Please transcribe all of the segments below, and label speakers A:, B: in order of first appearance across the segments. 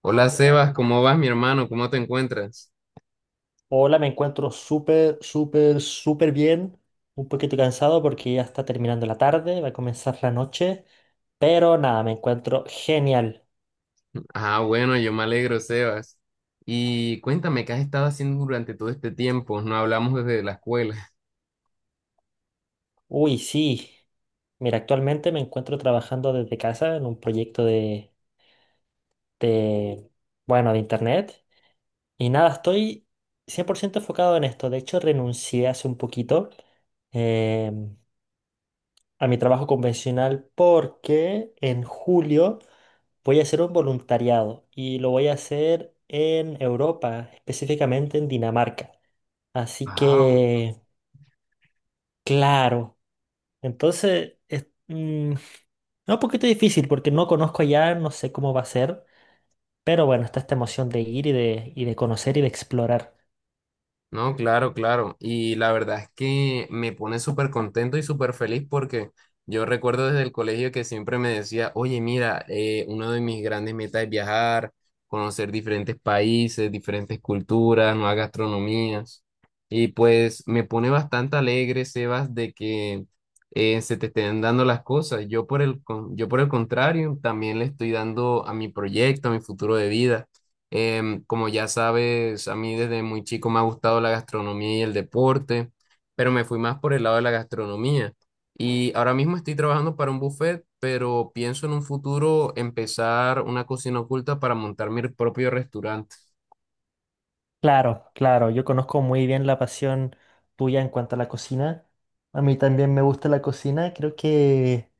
A: Hola Sebas, ¿cómo vas, mi hermano? ¿Cómo te encuentras?
B: Hola, me encuentro súper, súper, súper bien. Un poquito cansado porque ya está terminando la tarde, va a comenzar la noche. Pero nada, me encuentro genial.
A: Ah, bueno, yo me alegro, Sebas. Y cuéntame, ¿qué has estado haciendo durante todo este tiempo? No hablamos desde la escuela.
B: Uy, sí. Mira, actualmente me encuentro trabajando desde casa en un proyecto de, bueno, de internet. Y nada, estoy 100% enfocado en esto. De hecho, renuncié hace un poquito em, a mi trabajo convencional porque en julio voy a hacer un voluntariado y lo voy a hacer en Europa, específicamente en Dinamarca. Así que, claro. Entonces, es un poquito difícil porque no conozco allá, no sé cómo va a ser, pero bueno, está esta emoción de ir y de conocer y de explorar.
A: No, claro, claro. Y la verdad es que me pone súper contento y súper feliz porque yo recuerdo desde el colegio que siempre me decía, oye, mira, una de mis grandes metas es viajar, conocer diferentes países, diferentes culturas, nuevas gastronomías. Y pues me pone bastante alegre, Sebas, de que se te estén dando las cosas. Yo por el, yo por el contrario, también le estoy dando a mi proyecto, a mi futuro de vida. Como ya sabes, a mí desde muy chico me ha gustado la gastronomía y el deporte, pero me fui más por el lado de la gastronomía. Y ahora mismo estoy trabajando para un buffet, pero pienso en un futuro empezar una cocina oculta para montar mi propio restaurante.
B: Claro, claro, yo conozco muy bien la pasión tuya en cuanto a la cocina. A mí también me gusta la cocina, creo que...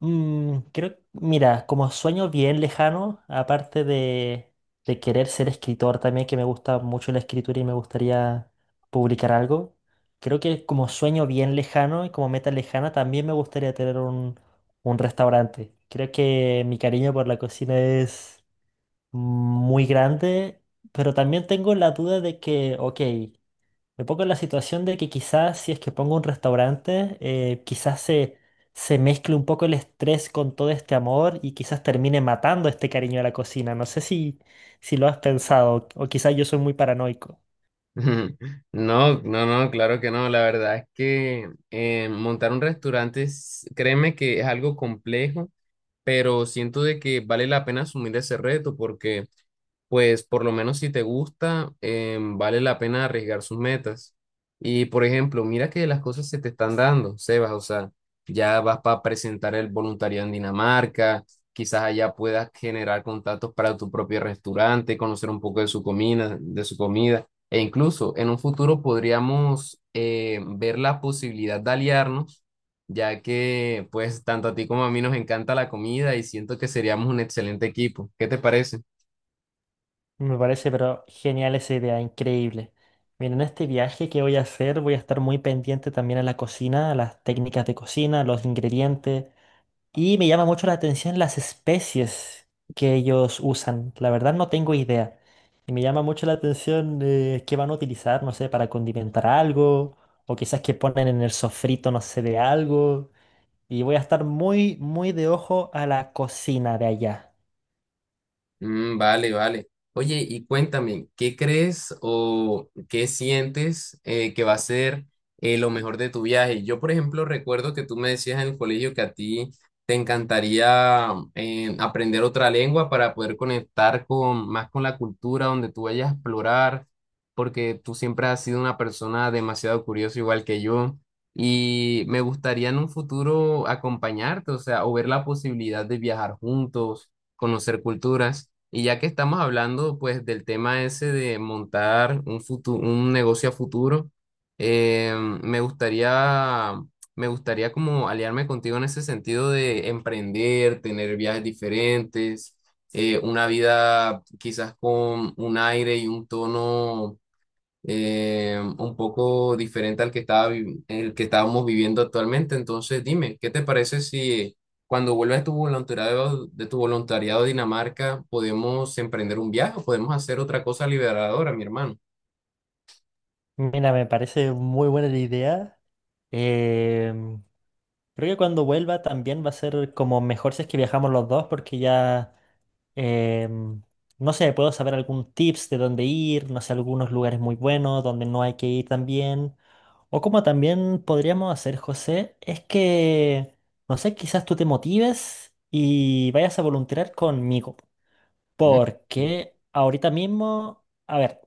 B: Mm, creo, mira, como sueño bien lejano, de querer ser escritor también, que me gusta mucho la escritura y me gustaría publicar algo, creo que como sueño bien lejano y como meta lejana también me gustaría tener un restaurante. Creo que mi cariño por la cocina es muy grande, pero también tengo la duda de que, ok, me pongo en la situación de que quizás si es que pongo un restaurante, se mezcle un poco el estrés con todo este amor y quizás termine matando este cariño a la cocina. No sé si lo has pensado o quizás yo soy muy paranoico.
A: No, no, no, claro que no. La verdad es que montar un restaurante, créeme que es algo complejo, pero siento de que vale la pena asumir ese reto porque pues por lo menos si te gusta, vale la pena arriesgar sus metas. Y por ejemplo, mira que las cosas se te están dando, Sebas, o sea, ya vas para presentar el voluntariado en Dinamarca, quizás allá puedas generar contactos para tu propio restaurante, conocer un poco de su comida, e incluso en un futuro podríamos ver la posibilidad de aliarnos, ya que pues tanto a ti como a mí nos encanta la comida y siento que seríamos un excelente equipo. ¿Qué te parece?
B: Me parece, pero genial esa idea, increíble. Miren, en este viaje que voy a hacer voy a estar muy pendiente también a la cocina, a las técnicas de cocina, a los ingredientes. Y me llama mucho la atención las especies que ellos usan. La verdad no tengo idea. Y me llama mucho la atención qué van a utilizar, no sé, para condimentar algo. O quizás que ponen en el sofrito, no sé, de algo. Y voy a estar muy, muy de ojo a la cocina de allá.
A: Mm, vale, vale. Oye, y cuéntame, ¿qué crees o qué sientes que va a ser lo mejor de tu viaje? Yo, por ejemplo, recuerdo que tú me decías en el colegio que a ti te encantaría aprender otra lengua para poder conectar con, más con la cultura donde tú vayas a explorar, porque tú siempre has sido una persona demasiado curiosa, igual que yo. Y me gustaría en un futuro acompañarte, o sea, o ver la posibilidad de viajar juntos conocer culturas. Y ya que estamos hablando pues del tema ese de montar un un negocio a futuro, eh, me gustaría, me gustaría como aliarme contigo en ese sentido de emprender, tener viajes diferentes, una vida quizás con un aire y un tono un poco diferente al que estaba el que estábamos viviendo actualmente. Entonces, dime, ¿qué te parece si cuando vuelvas de tu voluntariado a Dinamarca, podemos emprender un viaje o podemos hacer otra cosa liberadora, mi hermano?
B: Mira, me parece muy buena la idea. Em, Creo que cuando vuelva también va a ser como mejor si es que viajamos los dos porque ya... Em, no sé, puedo saber algún tips de dónde ir, no sé, algunos lugares muy buenos donde no hay que ir también. O como también podríamos hacer, José, es que, no sé, quizás tú te motives y vayas a voluntariar conmigo.
A: ¿Mm?
B: Porque ahorita mismo, a ver,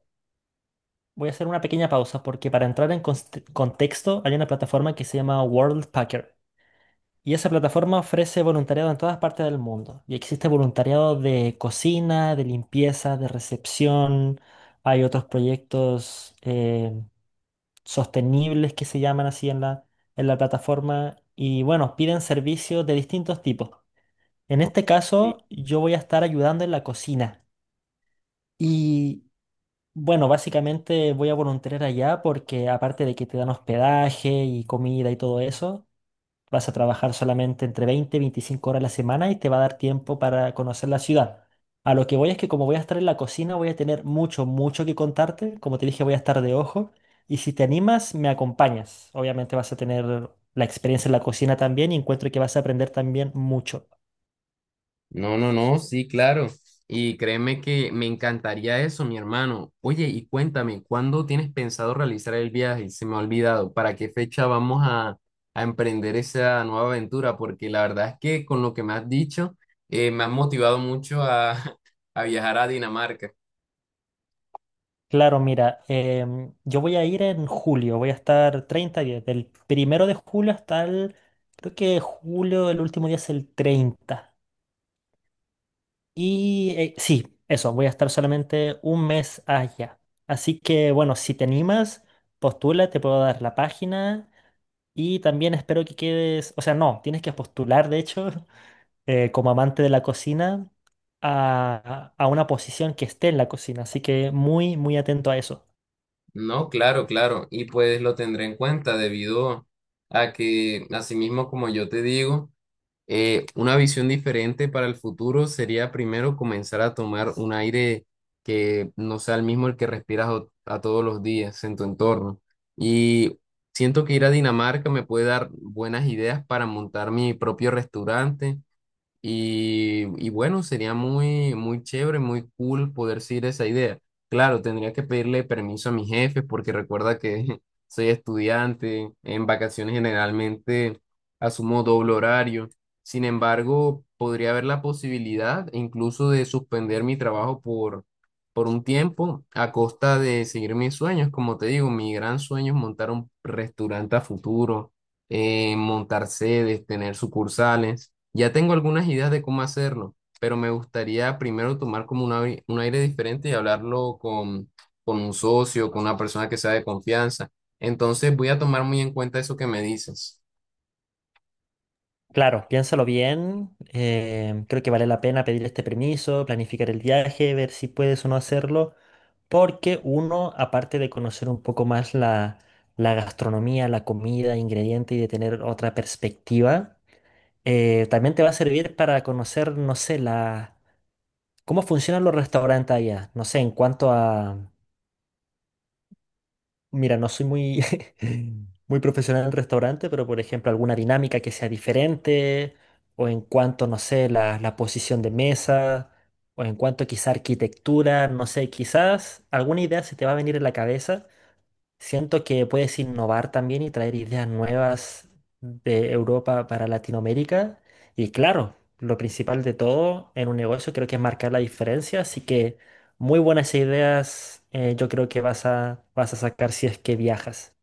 B: voy a hacer una pequeña pausa porque para entrar en contexto hay una plataforma que se llama Worldpacker. Y esa plataforma ofrece voluntariado en todas partes del mundo. Y existe voluntariado de cocina, de limpieza, de recepción. Hay otros proyectos sostenibles que se llaman así en en la plataforma. Y bueno, piden servicios de distintos tipos. En este caso, yo voy a estar ayudando en la cocina. Y bueno, básicamente voy a voluntariar allá porque aparte de que te dan hospedaje y comida y todo eso. Vas a trabajar solamente entre 20 y 25 horas a la semana y te va a dar tiempo para conocer la ciudad. A lo que voy es que como voy a estar en la cocina, voy a tener mucho, mucho que contarte. Como te dije, voy a estar de ojo. Y si te animas, me acompañas. Obviamente vas a tener la experiencia en la cocina también y encuentro que vas a aprender también mucho.
A: No, no, no, sí, claro. Y créeme que me encantaría eso, mi hermano. Oye, y cuéntame, ¿cuándo tienes pensado realizar el viaje? Se me ha olvidado. ¿Para qué fecha vamos a emprender esa nueva aventura? Porque la verdad es que con lo que me has dicho, me has motivado mucho a, a viajar a Dinamarca.
B: Claro, mira, yo voy a ir en julio, voy a estar 30 días, del primero de julio hasta creo que julio, el último día es el 30. Y sí, eso, voy a estar solamente un mes allá. Así que bueno, si te animas, postula, te puedo dar la página y también espero que quedes, o sea, no, tienes que postular, de hecho, como amante de la cocina, a una posición que esté en la cocina. Así que muy, muy atento a eso.
A: No, claro, claro. Y pues lo tendré en cuenta debido a que, asimismo, como yo te digo, una visión diferente para el futuro sería primero comenzar a tomar un aire que no sea el mismo el que respiras a todos los días en tu entorno. Y siento que ir a Dinamarca me puede dar buenas ideas para montar mi propio restaurante y bueno, sería muy, muy chévere, muy cool poder seguir esa idea. Claro, tendría que pedirle permiso a mis jefes porque recuerda que soy estudiante, en vacaciones generalmente asumo doble horario. Sin embargo, podría haber la posibilidad incluso de suspender mi trabajo por un tiempo a costa de seguir mis sueños. Como te digo, mi gran sueño es montar un restaurante a futuro, montar sedes, tener sucursales. Ya tengo algunas ideas de cómo hacerlo, pero me gustaría primero tomar como un aire diferente y hablarlo con un socio, con una persona que sea de confianza. Entonces voy a tomar muy en cuenta eso que me dices.
B: Claro, piénsalo bien. Creo que vale la pena pedir este permiso, planificar el viaje, ver si puedes o no hacerlo, porque uno, aparte de conocer un poco más la gastronomía, la comida, ingrediente y de tener otra perspectiva, también te va a servir para conocer, no sé, la, cómo funcionan los restaurantes allá. No sé, en cuanto a... Mira, no soy muy, muy profesional en el restaurante, pero por ejemplo, alguna dinámica que sea diferente, o en cuanto, no sé, la posición de mesa, o en cuanto quizá arquitectura, no sé, quizás alguna idea se te va a venir en la cabeza. Siento que puedes innovar también y traer ideas nuevas de Europa para Latinoamérica. Y claro, lo principal de todo en un negocio creo que es marcar la diferencia. Así que muy buenas ideas, yo creo que vas a sacar si es que viajas.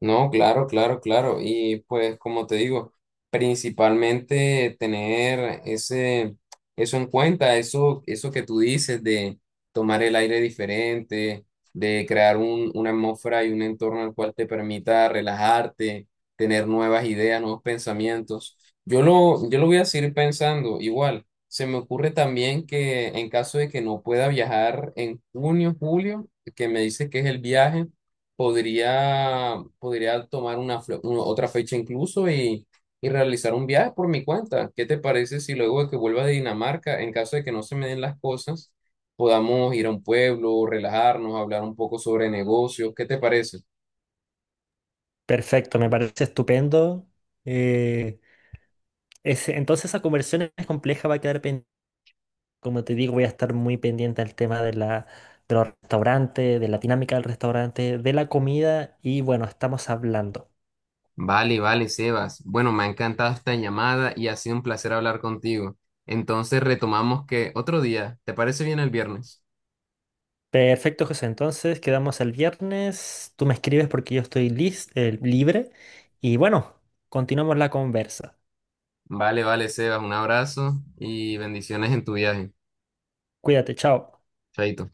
A: No, claro, claro, claro. Y pues como te digo, principalmente tener ese, eso en cuenta, eso que tú dices de tomar el aire diferente, de crear un, una atmósfera y un entorno al cual te permita relajarte, tener nuevas ideas, nuevos pensamientos. Yo lo voy a seguir pensando igual. Se me ocurre también que en caso de que no pueda viajar en junio, julio, que me dices que es el viaje podría, podría tomar una, otra fecha incluso y realizar un viaje por mi cuenta. ¿Qué te parece si luego de que vuelva de Dinamarca, en caso de que no se me den las cosas, podamos ir a un pueblo, relajarnos, hablar un poco sobre negocios? ¿Qué te parece?
B: Perfecto, me parece estupendo. Eh, entonces esa conversión es compleja, va a quedar pendiente. Como te digo, voy a estar muy pendiente al tema de de los restaurantes, de la dinámica del restaurante, de la comida y bueno, estamos hablando.
A: Vale, vale, Sebas. Bueno, me ha encantado esta llamada y ha sido un placer hablar contigo. Entonces retomamos que otro día, ¿te parece bien el viernes?
B: Perfecto, José. Entonces quedamos el viernes. Tú me escribes porque yo estoy libre. Y bueno, continuamos la conversa.
A: Vale, vale, Sebas. Un abrazo y bendiciones en tu viaje.
B: Cuídate, chao.
A: Chaito.